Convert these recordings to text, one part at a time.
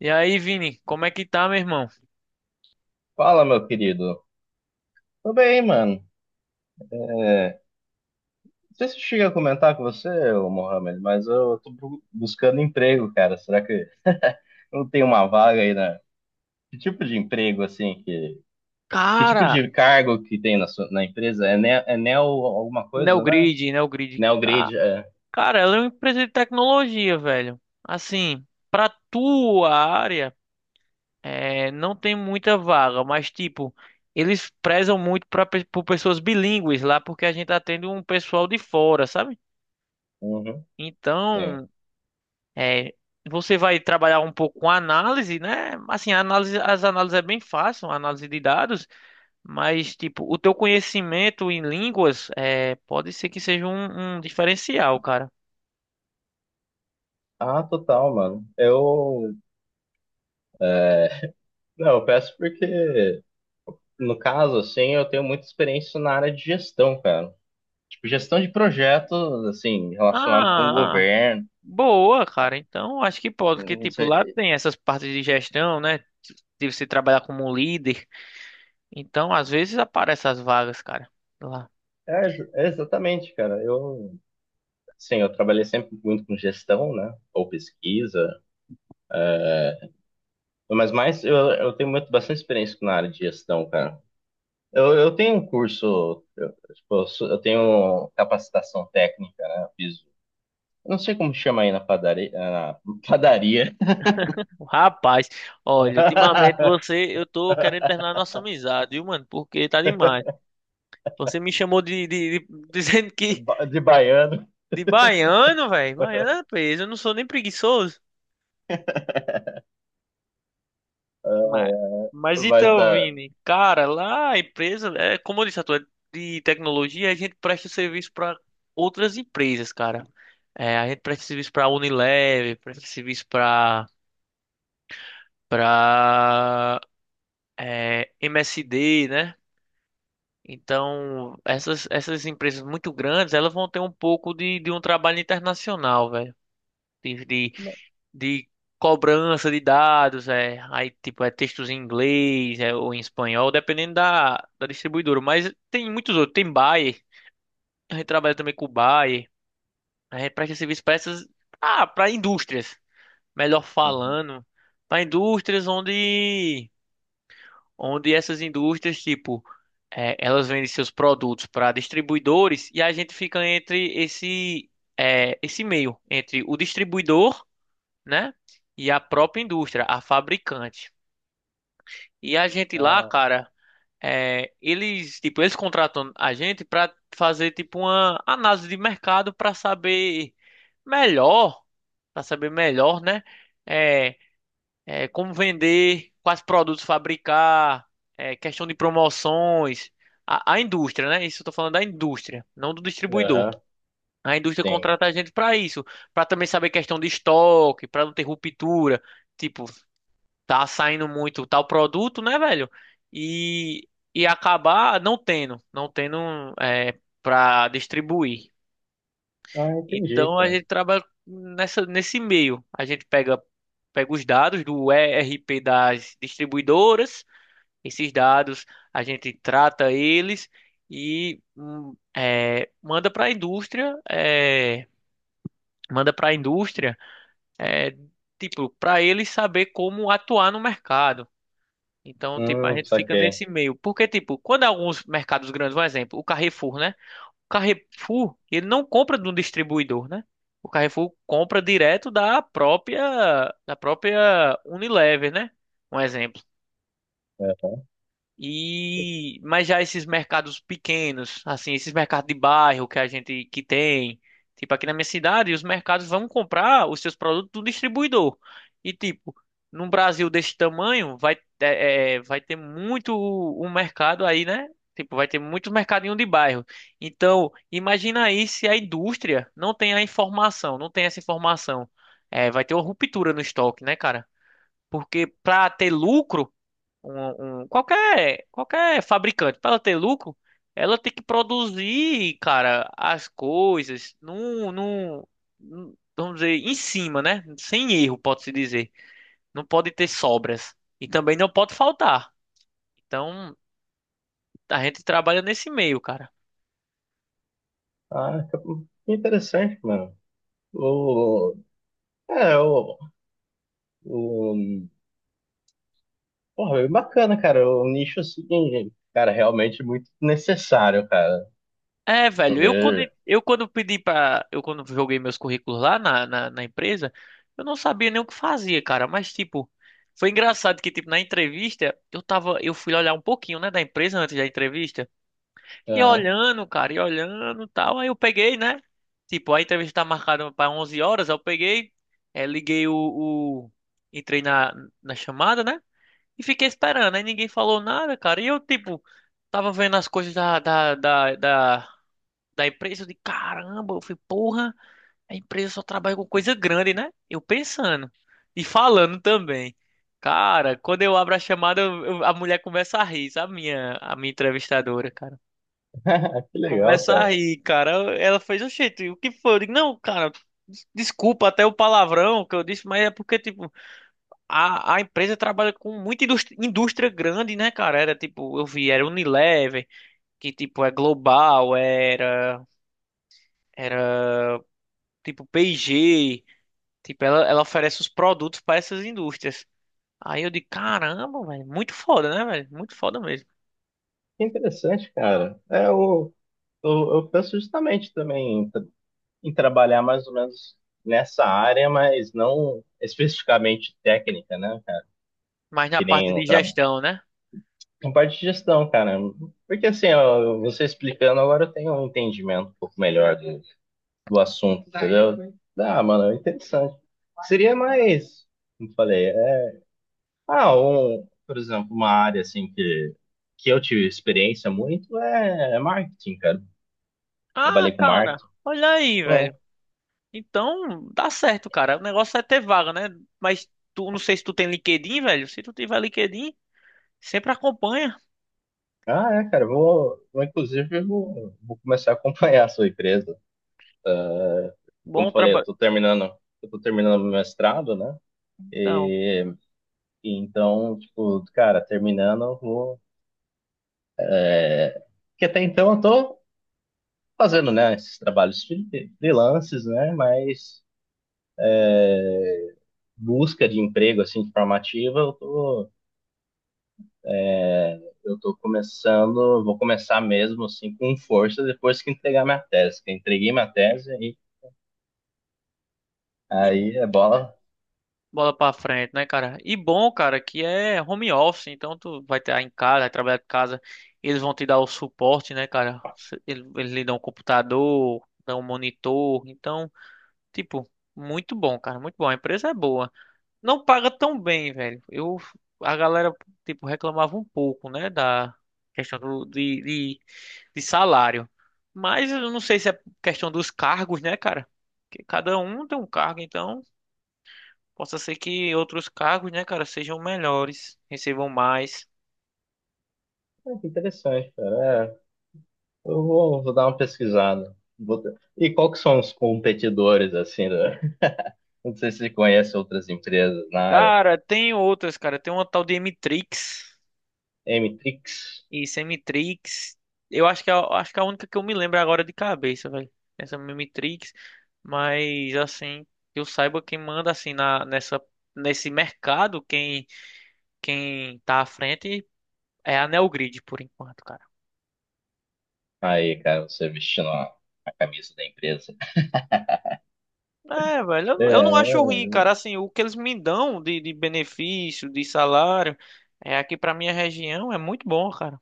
E aí, Vini, como é que tá, meu irmão? Fala, meu querido. Tô bem, mano. Não sei se eu cheguei a comentar com você, ô Mohamed, mas eu tô buscando emprego, cara. Será que não tem uma vaga aí na... Que tipo de emprego, assim, que... Que tipo Cara, de cargo que tem na, sua... na empresa? É neo alguma coisa, né? Neogrid, Neogrid, Neo ca- grid, é. cara, ela é uma empresa de tecnologia, velho. Assim, pra tua área, não tem muita vaga, mas tipo, eles prezam muito por pessoas bilíngues lá, porque a gente atende um pessoal de fora, sabe? Uhum, sim. Então, é, você vai trabalhar um pouco com análise, né? Assim, a análise, as análises é bem fácil, análise de dados. Mas, tipo, o teu conhecimento em línguas pode ser que seja um diferencial, cara. Ah, total, mano. Eu... Não, eu peço porque, no caso, assim, eu tenho muita experiência na área de gestão, cara. Tipo, gestão de projetos, assim, relacionado com o Ah, governo. boa, cara. Então, acho que pode, porque, tipo, lá tem essas partes de gestão, né? De você trabalhar como um líder. Então, às vezes aparecem as vagas, cara. Lá. É exatamente, cara. Sim, eu trabalhei sempre muito com gestão, né? Ou pesquisa. Mas mais, eu tenho muito, bastante experiência na área de gestão, cara. Eu tenho um curso, eu, tipo, eu tenho capacitação técnica, né? Eu fiz, eu não sei como chama aí na padaria, na padaria. Rapaz, olha, ultimamente você, eu tô querendo terminar a nossa amizade, viu, mano? Porque tá demais. Você me chamou de, dizendo que De baiano, de baiano, velho. Baiano é peso, eu não sou nem preguiçoso. Mas, mas, mas então, da. Vini, cara, lá a empresa, como eu disse, a tua é de tecnologia, a gente presta serviço para outras empresas, cara. É, a gente presta serviço pra Unilever, presta serviço para pra MSD, né? Então, essas, essas empresas muito grandes, elas vão ter um pouco de um trabalho internacional, velho. De, de, de cobrança de dados. É, aí, tipo, é textos em inglês, ou em espanhol, dependendo da, da distribuidora. Mas tem muitos outros. Tem Bayer, a gente trabalha também com o Bayer. A gente presta serviço para essas... Ah, para indústrias, melhor Uhum. falando. Para indústrias onde... onde essas indústrias, tipo, é, elas vendem seus produtos para distribuidores e a gente fica entre esse meio, entre o distribuidor, né, e a própria indústria, a fabricante. E a gente lá, Ah, cara, é, eles, tipo, eles contratam a gente para fazer, tipo, uma análise de mercado melhor, para saber melhor, né, é, como vender, quais produtos fabricar, questão de promoções, a indústria, né? Isso eu tô falando da indústria, não do distribuidor. aham, A indústria sim. contrata a gente para isso, para também saber questão de estoque, para não ter ruptura, tipo, tá saindo muito tal produto, né, velho? E, e acabar não tendo para distribuir. Ah, entendi, Então a cara. gente trabalha nessa, nesse meio. A gente pega os dados do ERP das distribuidoras, esses dados a gente trata eles e manda para a indústria. Manda para a indústria, é, tipo, para eles saber como atuar no mercado. Então, tipo, a gente fica Saquei. nesse meio. Porque, tipo, quando alguns mercados grandes, um exemplo, o Carrefour, né? Carrefour, ele não compra de um distribuidor, né? O Carrefour compra direto da própria Unilever, né? Um exemplo. É. E mas já esses mercados pequenos, assim, esses mercados de bairro que a gente que tem, tipo aqui na minha cidade, os mercados vão comprar os seus produtos do distribuidor. E tipo, num Brasil desse tamanho, vai ter muito um mercado aí, né? Tipo, vai ter muito mercadinho de bairro. Então, imagina aí se a indústria não tem a informação, não tem essa informação. É, vai ter uma ruptura no estoque, né, cara? Porque para ter lucro qualquer fabricante, para ela ter lucro, ela tem que produzir, cara, as coisas vamos dizer, em cima, né? Sem erro, pode-se dizer. Não pode ter sobras. E também não pode faltar. Então, a gente trabalha nesse meio, cara. Ah, que interessante, mano. O, é, o, o, porra, é bacana, cara. O nicho, assim, cara, é realmente muito necessário, cara. É, Eu velho, vejo. eu quando pedi para eu quando joguei meus currículos lá na empresa, eu não sabia nem o que fazia, cara, mas tipo, foi engraçado que tipo na entrevista, eu fui olhar um pouquinho, né, da empresa antes da entrevista, e Aham. olhando, cara, e olhando, tal, aí eu peguei, né? Tipo, a entrevista tá marcada para 11 horas, aí eu peguei, é, liguei o entrei na chamada, né? E fiquei esperando, aí ninguém falou nada, cara, e eu tipo tava vendo as coisas da empresa. Eu disse, caramba, eu falei, porra, a empresa só trabalha com coisa grande, né? Eu pensando e falando também. Cara, quando eu abro a chamada, a mulher começa a rir, sabe? A minha entrevistadora, cara. Que legal, Começa a cara. rir, cara. Ela fez, oxente, o que foi? Eu digo, não, cara, desculpa até o palavrão que eu disse, mas é porque, tipo, a empresa trabalha com muita indústria, indústria grande, né, cara? Era, tipo, eu vi, era Unilever, que, tipo, é global, era, tipo, P&G. Tipo, ela oferece os produtos para essas indústrias. Aí eu digo, caramba, velho, muito foda, né, velho? Muito foda mesmo. Que interessante, cara. O, eu penso justamente também em trabalhar mais ou menos nessa área, mas não especificamente técnica, né, cara? Mas na Que parte nem de um. gestão, né? Na parte de gestão, cara. Porque assim, ó, você explicando agora eu tenho um entendimento um pouco melhor do, do assunto, entendeu? Ah, mano, é interessante. Seria mais, como eu falei, é, ah, um, por exemplo, uma área assim que eu tive experiência muito é marketing, cara. Ah, Trabalhei com cara, marketing. olha aí, Não. velho. Então, dá certo, cara. O negócio é ter vaga, né? Mas tu, não sei se tu tem LinkedIn, velho. Se tu tiver LinkedIn, sempre acompanha. Ah, é, cara, eu vou inclusive vou começar a acompanhar a sua empresa. Como Bom eu falei, trabalho. Eu tô terminando meu mestrado, né? Então, E então, tipo, cara, terminando, eu vou. Que até então eu tô fazendo, né, esses trabalhos freelances, né, mas busca de emprego, assim, de forma ativa, eu tô começando, vou começar mesmo, assim, com força depois que entregar minha tese. Que eu entreguei minha tese e e aí é bola. Bola pra frente, né, cara? E bom, cara, que é home office, então tu vai estar em casa, vai trabalhar de casa, eles vão te dar o suporte, né, cara? Eles lhe dão um computador, dão um monitor, então, tipo, muito bom, cara, muito bom. A empresa é boa. Não paga tão bem, velho. Eu, a galera, tipo, reclamava um pouco, né, da questão do, de salário. Mas eu não sei se é questão dos cargos, né, cara? Porque cada um tem um cargo, então. Possa ser que outros cargos, né, cara, sejam melhores, recebam mais. Ah, que interessante, cara. É, vou dar uma pesquisada. E qual que são os competidores, assim, né? Não sei se você conhece outras empresas na área. Cara, tem outras, cara. Tem uma tal de Emitrix Mtrix. e Semitrix. Eu acho que é, acho que é a única que eu me lembro agora de cabeça, velho. Essa Mimitrix. Mas, assim, que eu saiba quem manda, assim, nesse mercado, quem tá à frente é a Neogrid, por enquanto, cara. Aí, cara, você vestindo a camisa da empresa. É, velho, eu não acho É, ruim, cara. Assim, o que eles me dão de benefício, de salário, é aqui pra minha região é muito bom, cara.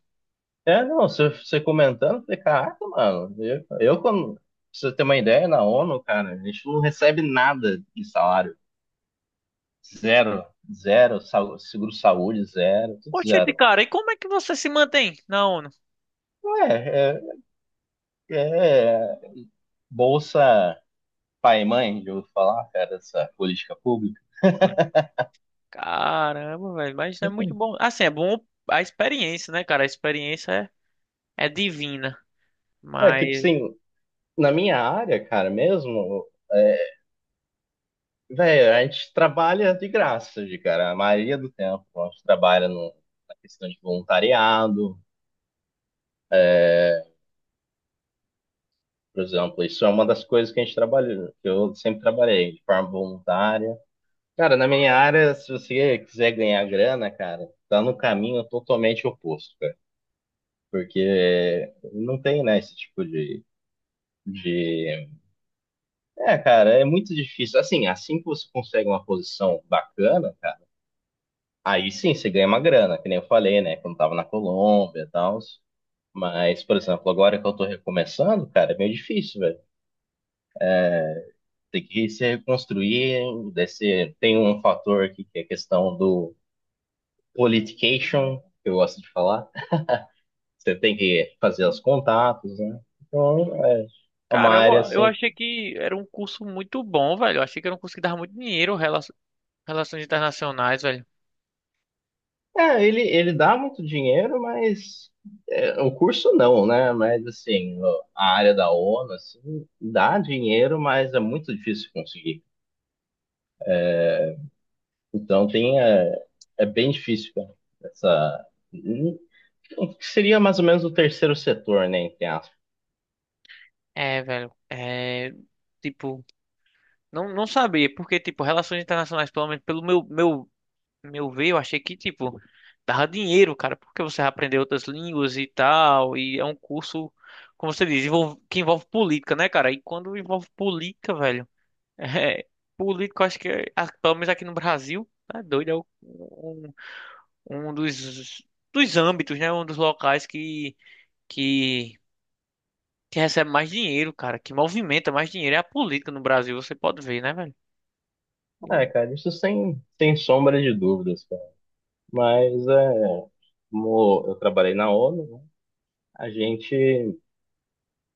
é não, você, você comentando, eu falei, caraca, mano, eu quando, pra você ter uma ideia, na ONU, cara, a gente não recebe nada de salário. Zero, zero, seguro-saúde, zero, tudo Poxa, de zero. cara, e como é que você se mantém na ONU? Ué, é, é, é, bolsa pai e mãe, de eu falar, cara, dessa política pública. Caramba, velho, mas é muito bom. Assim, é bom a experiência, né, cara? A experiência é divina. É, tipo Mas, assim, na minha área, cara, mesmo. É, velho, a gente trabalha de graça, de cara, a maioria do tempo. A gente trabalha no- Na questão de voluntariado, por exemplo. Isso é uma das coisas que a gente trabalha, que eu sempre trabalhei, de forma voluntária. Cara, na minha área, se você quiser ganhar grana, cara, tá no caminho totalmente oposto, cara. Porque não tem, né, esse tipo de... É, cara, é muito difícil. Assim, assim que você consegue uma posição bacana, cara, aí sim você ganha uma grana, que nem eu falei, né, quando tava na Colômbia e tal. Mas, por exemplo, agora que eu tô recomeçando, cara, é meio difícil, velho. Tem que se reconstruir, desse... tem um fator aqui que é a questão do politication, que eu gosto de falar. Você tem que fazer os contatos, né? Então, é é uma área caramba, eu assim. achei que era um curso muito bom, velho. Eu achei que era um curso que dava muito dinheiro, relações internacionais, velho. É, ele dá muito dinheiro, mas é, o curso não, né? Mas assim, a área da ONU, assim, dá dinheiro, mas é muito difícil conseguir. Então tem, é, é bem difícil, cara, essa. Que seria mais ou menos o terceiro setor, né, entre aspas. É, velho, é. Tipo, não não sabia, porque, tipo, relações internacionais, pelo menos pelo meu ver, eu achei que, tipo, dava dinheiro, cara, porque você vai aprender outras línguas e tal, e é um curso, como você diz, que envolve política, né, cara? E quando envolve política, velho, é, político, eu acho que, ah, pelo menos aqui no Brasil, tá doido, é um dos âmbitos, né, um dos locais que, que recebe mais dinheiro, cara, que movimenta mais dinheiro, é a política no Brasil, você pode ver, né, velho? É, Eu- cara, isso sem, sem sombra de dúvidas, cara. Mas é, como eu trabalhei na ONU, né, a gente,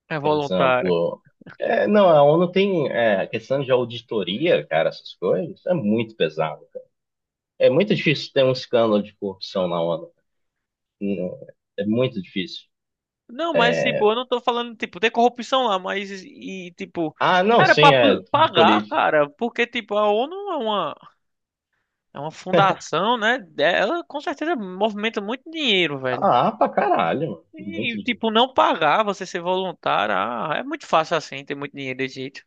é por voluntário. exemplo, é, não, a ONU tem é, a questão de auditoria, cara, essas coisas, é muito pesado, cara. É muito difícil ter um escândalo de corrupção na ONU. Não, é muito difícil. Não, mas tipo, É, eu não tô falando, tipo, tem corrupção lá, mas e tipo, ah, não, era pra sim, é de pagar, política. cara, porque tipo, a ONU é uma fundação, né? Ela com certeza movimenta muito dinheiro, velho. Ah, pra caralho, mano. Muito E difícil. tipo, não pagar, você ser voluntário, ah, é muito fácil assim, ter muito dinheiro desse jeito.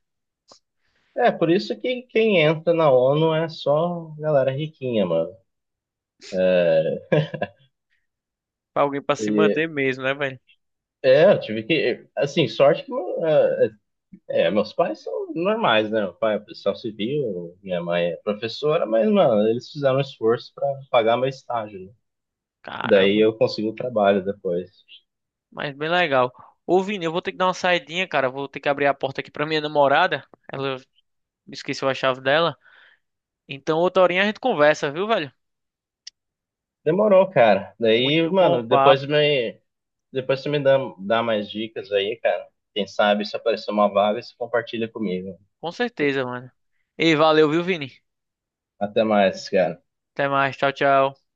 É, por isso que quem entra na ONU é só galera riquinha, mano. É, Pra alguém pra se e- manter mesmo, né, velho? é, eu tive que. Assim, sorte que. É, é, meus pais são normais, né? Meu pai é policial civil, minha mãe é professora, mas, mano, eles fizeram um esforço pra pagar meu estágio, né? Daí Caramba, eu consegui o trabalho depois. mas bem legal. Ô, Vini, eu vou ter que dar uma saidinha, cara, vou ter que abrir a porta aqui pra minha namorada. Ela esqueceu a chave dela. Então, outra horinha a gente conversa, viu, velho? Demorou, cara. Daí, Muito bom mano, depois papo, me. Depois você me dá mais dicas aí, cara. Quem sabe se aparecer uma vaga, você compartilha comigo. com certeza, mano. E valeu, viu, Vini? Até mais, cara. Até mais, tchau, tchau.